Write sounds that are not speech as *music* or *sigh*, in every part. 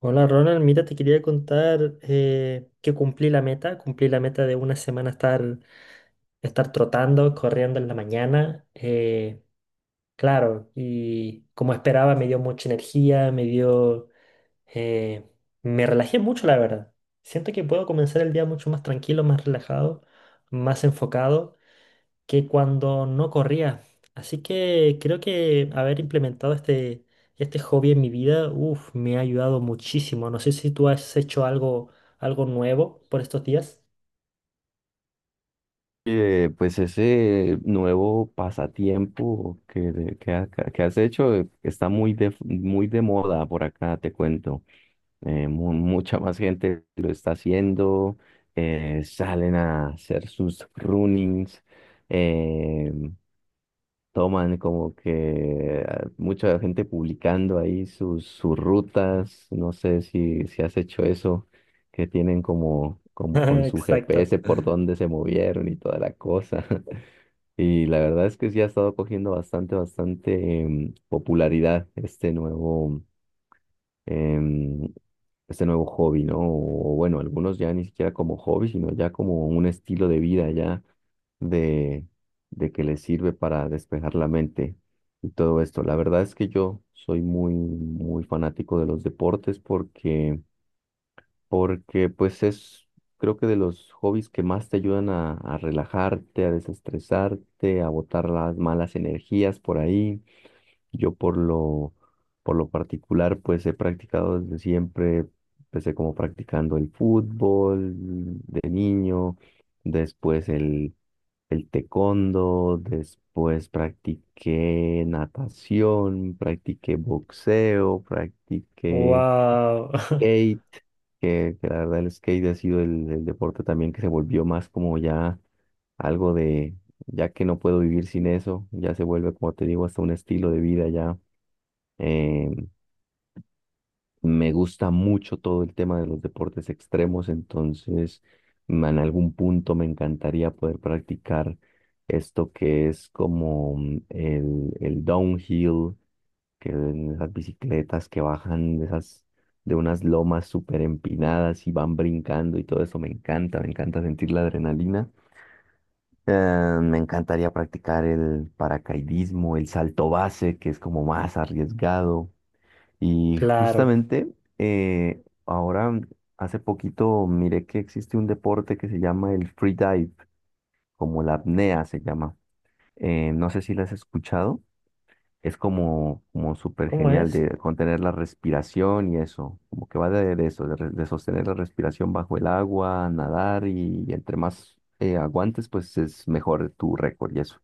Hola Ronald, mira, te quería contar que cumplí la meta de una semana estar trotando, corriendo en la mañana, claro, y como esperaba me dio mucha energía, eh, me relajé mucho la verdad. Siento que puedo comenzar el día mucho más tranquilo, más relajado, más enfocado que cuando no corría. Así que creo que haber implementado este hobby en mi vida, uf, me ha ayudado muchísimo. No sé si tú has hecho algo nuevo por estos días. Pues ese nuevo pasatiempo que has hecho está muy de moda por acá, te cuento. Mucha más gente lo está haciendo, salen a hacer sus runnings, eh, toman como que ah, mucha gente publicando ahí sus, sus rutas. No sé si, si has hecho eso, que tienen como, *laughs* como con su Exacto. GPS por dónde se movieron y toda la cosa. *laughs* Y la verdad es que sí ha estado cogiendo bastante, bastante, popularidad este nuevo, em, este nuevo hobby, ¿no? O bueno, algunos ya ni siquiera como hobby, sino ya como un estilo de vida ya de, de que les sirve para despejar la mente y todo esto. La verdad es que yo soy muy, muy fanático de los deportes porque pues es, creo que de los hobbies que más te ayudan a relajarte, a desestresarte, a botar las malas energías por ahí. Yo por lo particular, pues he practicado desde siempre, empecé como practicando el fútbol de niño, después el taekwondo, después practiqué natación, practiqué boxeo, practiqué Wow. *laughs* skate, que la verdad el skate ha sido el deporte también que se volvió más como ya algo de, ya que no puedo vivir sin eso, ya se vuelve, como te digo, hasta un estilo de vida ya. em, Me gusta mucho todo el tema de los deportes extremos, entonces en algún punto me encantaría poder practicar esto que es como el downhill, que en esas bicicletas que bajan de esas, de unas lomas súper empinadas y van brincando y todo eso me encanta sentir la adrenalina. Me encantaría practicar el paracaidismo, el salto base, que es como más arriesgado. Y Claro. justamente ahora, hace poquito miré que existe un deporte que se llama el free dive, como la apnea se llama. No sé si la has escuchado. Es como, como súper ¿Cómo genial es? de contener la respiración y eso, como que va de eso, de, de sostener la respiración bajo el agua, nadar y, entre más aguantes, pues es mejor tu récord y eso.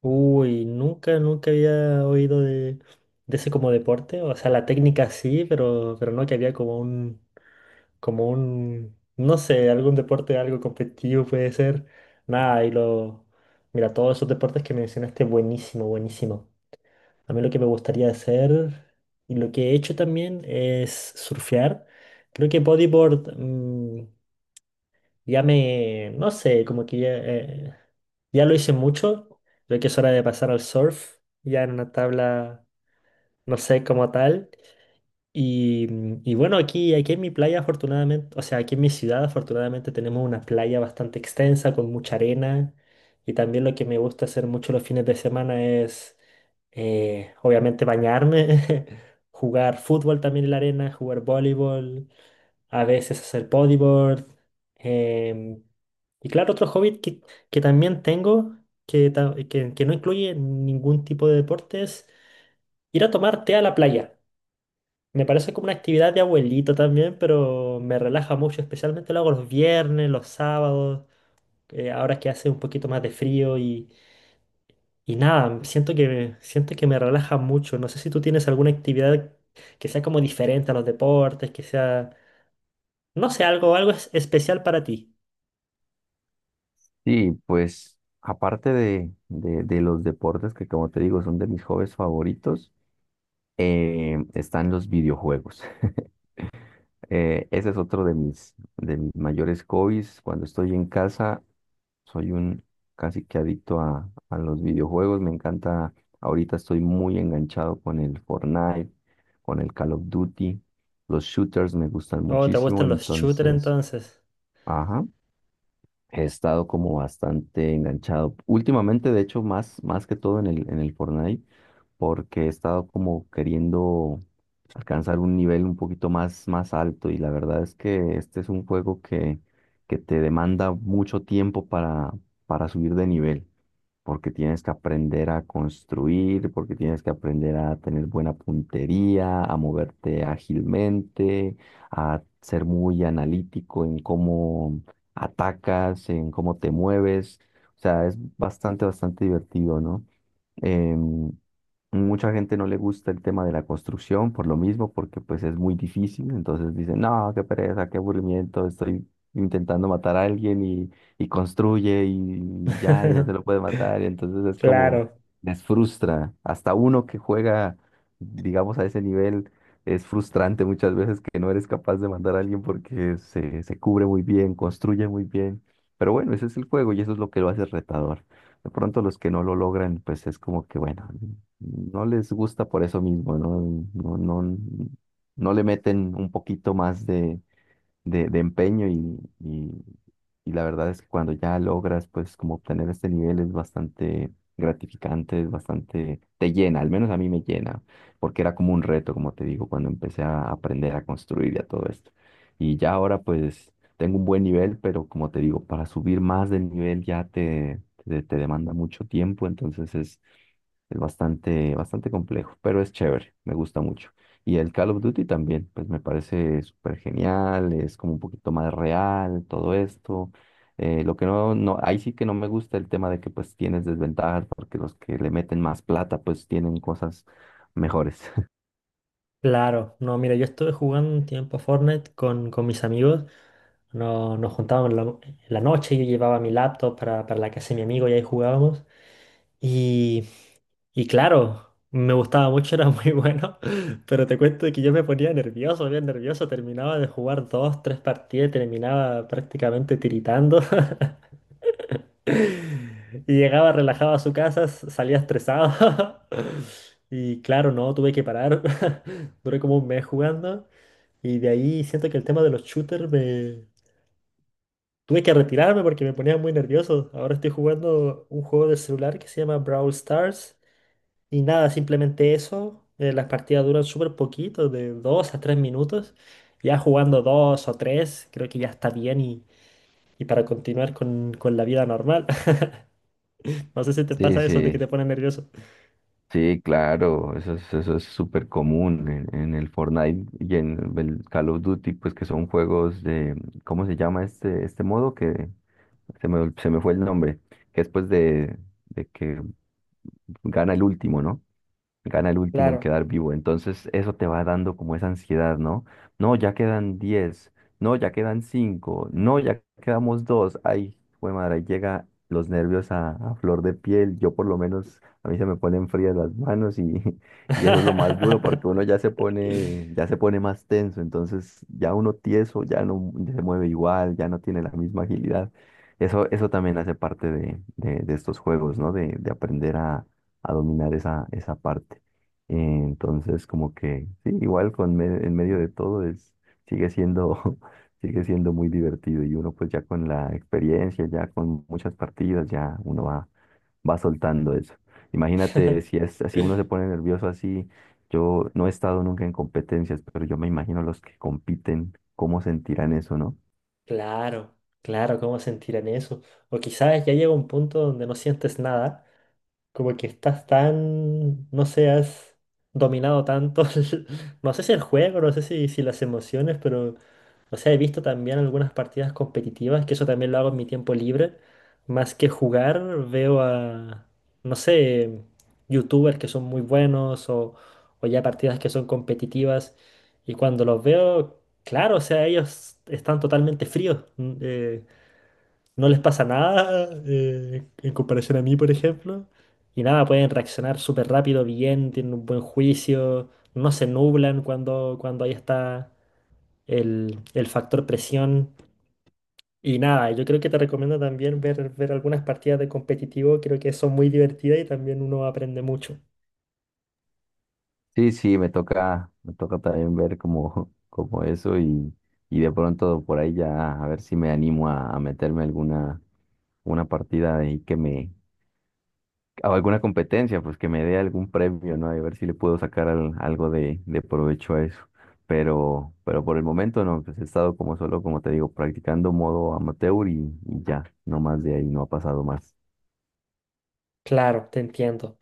Uy, nunca había oído de ese como deporte. O sea, la técnica sí, pero no que había como un no sé, algún deporte, algo competitivo puede ser. Nada, y lo... Mira, todos esos deportes que mencionaste, buenísimo, buenísimo. A mí lo que me gustaría hacer y lo que he hecho también es surfear. Creo que bodyboard no sé, como que ya, ya lo hice mucho. Creo que es hora de pasar al surf, ya en una tabla, no sé, como tal. Y, y bueno, aquí en mi playa, afortunadamente, o sea, aquí en mi ciudad, afortunadamente tenemos una playa bastante extensa con mucha arena. Y también lo que me gusta hacer mucho los fines de semana es, obviamente, bañarme, *laughs* jugar fútbol también en la arena, jugar voleibol, a veces hacer bodyboard. em, y claro, otro hobby que también tengo, que no incluye ningún tipo de deportes: ir a tomar té a la playa. Me parece como una actividad de abuelito también, pero me relaja mucho, especialmente lo hago los viernes, los sábados, ahora que hace un poquito más de frío y nada, siento que me relaja mucho. No sé si tú tienes alguna actividad que sea como diferente a los deportes, que sea, no sé, algo especial para ti. Sí, pues aparte de los deportes que como te digo son de mis hobbies favoritos. Están los videojuegos. *laughs* Ese es otro de mis mayores hobbies. Cuando estoy en casa, soy un casi que adicto a los videojuegos. Me encanta, ahorita estoy muy enganchado con el Fortnite, con el Call of Duty. Los shooters me gustan Oh, ¿te muchísimo, gustan los shooters entonces, entonces? ajá. He estado como bastante enganchado. Últimamente, de hecho, más, más que todo en el Fortnite, porque he estado como queriendo alcanzar un nivel un poquito más, más alto. Y la verdad es que este es un juego que te demanda mucho tiempo para subir de nivel porque tienes que aprender a construir, porque tienes que aprender a tener buena puntería, a moverte ágilmente, a ser muy analítico en cómo atacas, en cómo te mueves. O sea, es bastante, bastante divertido, ¿no? Em, Mucha gente no le gusta el tema de la construcción por lo mismo, porque pues es muy difícil. Entonces dicen, no, qué pereza, qué aburrimiento, estoy intentando matar a alguien y construye y ya, y no se lo *laughs* puede matar, y entonces es como, Claro. les frustra. Hasta uno que juega, digamos, a ese nivel, es frustrante muchas veces que no eres capaz de matar a alguien porque se cubre muy bien, construye muy bien. Pero bueno, ese es el juego y eso es lo que lo hace retador. De pronto los que no lo logran, pues es como que, bueno, no les gusta por eso mismo, ¿no? No, no, no le meten un poquito más de empeño y la verdad es que cuando ya logras pues como obtener este nivel es bastante gratificante, es bastante, te llena, al menos a mí me llena, porque era como un reto, como te digo, cuando empecé a aprender a construir y a todo esto. Y ya ahora pues tengo un buen nivel, pero como te digo, para subir más del nivel ya te demanda mucho tiempo, entonces es bastante, bastante complejo, pero es chévere, me gusta mucho. Y el Call of Duty también, pues me parece súper genial, es como un poquito más real, todo esto. Lo que no, no, ahí sí que no me gusta el tema de que pues tienes desventajas, porque los que le meten más plata pues tienen cosas mejores. *laughs* Claro, no, mira, yo estuve jugando un tiempo Fortnite con mis amigos. Nos juntábamos en en la noche, yo llevaba mi laptop para la casa de mi amigo y ahí jugábamos. Y, y claro, me gustaba mucho, era muy *laughs* bueno, pero te cuento que yo me ponía nervioso, bien nervioso, terminaba de jugar dos, tres partidas, y terminaba prácticamente tiritando. *laughs* Y llegaba relajado a su casa, salía estresado. *laughs* Y claro, no, tuve que parar. *laughs* Duré como un mes jugando. Y de ahí siento que el tema de los shooters me... Tuve que retirarme porque me ponía muy nervioso. Ahora estoy jugando un juego de celular que se llama Brawl Stars. Y nada, simplemente eso. Las partidas duran súper poquito, de 2 a 3 minutos. Ya jugando 2 o 3 creo que ya está bien y para continuar con la vida normal. *laughs* No sé si te Sí, pasa eso de que sí, te pone nervioso. sí, claro, eso es súper común en el Fortnite y en el Call of Duty, pues que son juegos de, ¿cómo se llama este, este modo? Que se me fue el nombre, que después de que gana el último, ¿no? Gana el último en Claro. quedar vivo. Entonces eso te va dando como esa ansiedad, ¿no? No, ya quedan diez, no, ya quedan cinco, no, ya quedamos dos. Ay, fue madre, ahí llega los nervios a flor de piel. Yo por lo menos, a mí se me ponen frías las manos y, *laughs* y eso es lo más duro porque uno *laughs* ya se pone más tenso. Entonces ya uno tieso, ya no se mueve igual, ya no tiene la misma agilidad. Eso también hace parte de estos juegos, ¿no? De aprender a dominar esa, esa parte. Eh, Entonces, como que, sí, igual en medio de todo es, sigue siendo, *laughs* sigue siendo muy divertido y uno pues ya con la experiencia, ya con muchas partidas, ya uno va, va soltando eso. Imagínate si es así, uno se pone nervioso así. Yo no he estado nunca en competencias, pero yo me imagino los que compiten, cómo sentirán eso, ¿no? Claro, claro, ¿cómo sentirán eso? O quizás ya llega un punto donde no sientes nada. Como que estás tan, no sé, has dominado tanto, *laughs* no sé si el juego, no sé si las emociones, pero, o sea, he visto también algunas partidas competitivas, que eso también lo hago en mi tiempo libre. Más que jugar, veo a, no sé, youtubers que son muy buenos o ya partidas que son competitivas. Y cuando los veo, claro, o sea, ellos están totalmente fríos, no les pasa nada, en comparación a mí, por ejemplo. Y nada, pueden reaccionar súper rápido, bien, tienen un buen juicio, no se nublan cuando ahí está el factor presión. Y nada, yo creo que te recomiendo también ver algunas partidas de competitivo, creo que son muy divertidas y también uno aprende mucho. Sí, sí, me toca también ver como, *laughs* como eso y de pronto por ahí ya a ver si me animo a meterme alguna una partida ahí que me, o alguna competencia, pues que me dé algún premio, ¿no? Y a ver si le puedo sacar algo de provecho a eso. Pero por el momento no, pues he estado como solo, como te digo, practicando modo amateur y ya, no más de ahí, no ha pasado más. Claro, te entiendo.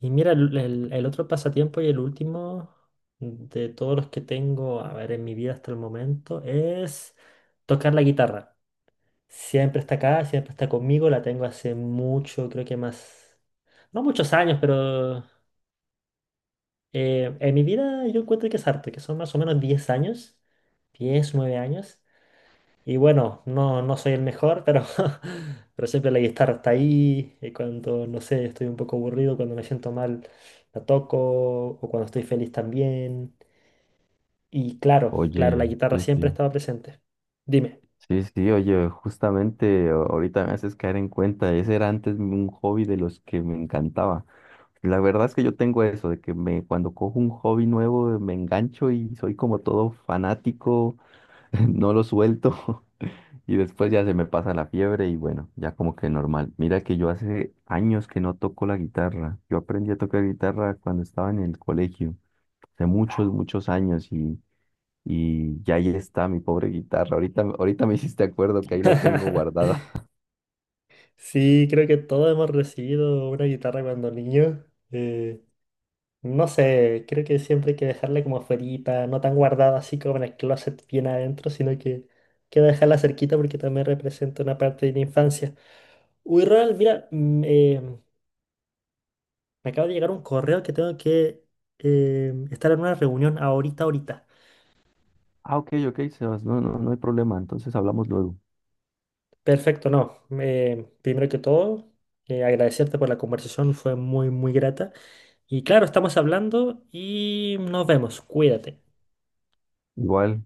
Y mira, el el otro pasatiempo y el último de todos los que tengo, a ver, en mi vida hasta el momento es tocar la guitarra. Siempre está acá, siempre está conmigo, la tengo hace mucho, creo que más, no muchos años, pero en mi vida yo encuentro que es harto, que son más o menos 10 años, 10, 9 años. Y bueno, no soy el mejor, pero, *laughs* pero siempre la guitarra está ahí, y cuando, no sé, estoy un poco aburrido, cuando me siento mal, la toco, o cuando estoy feliz también. Y claro, la Oye, guitarra sí, siempre sí. estaba presente. Dime. Sí, sí, oye, justamente ahorita me haces caer en cuenta, ese era antes un hobby de los que me encantaba. La verdad es que yo tengo eso, de que me, cuando cojo un hobby nuevo me engancho y soy como todo fanático, *laughs* no lo suelto *laughs* y después ya se me pasa la fiebre y bueno, ya como que normal. Mira que yo hace años que no toco la guitarra. Yo aprendí a tocar guitarra cuando estaba en el colegio, hace muchos, muchos años y ya ahí está mi pobre guitarra. Ahorita, ahorita me hiciste acuerdo que ahí la tengo *laughs* guardada. *laughs* Sí, creo que todos hemos recibido una guitarra cuando niños. eh, no sé, creo que siempre hay que dejarla como afuerita, no tan guardada así como en el closet bien adentro, sino que dejarla cerquita porque también representa una parte de la infancia. Uy, Ronald, mira, me acaba de llegar un correo que tengo que estar en una reunión ahorita. Ah, ok, ok, Sebas, no, no, no hay problema. Entonces hablamos luego. Perfecto, no. Primero que todo, agradecerte por la conversación, fue muy, muy grata. Y claro, estamos hablando y nos vemos. Cuídate. Igual,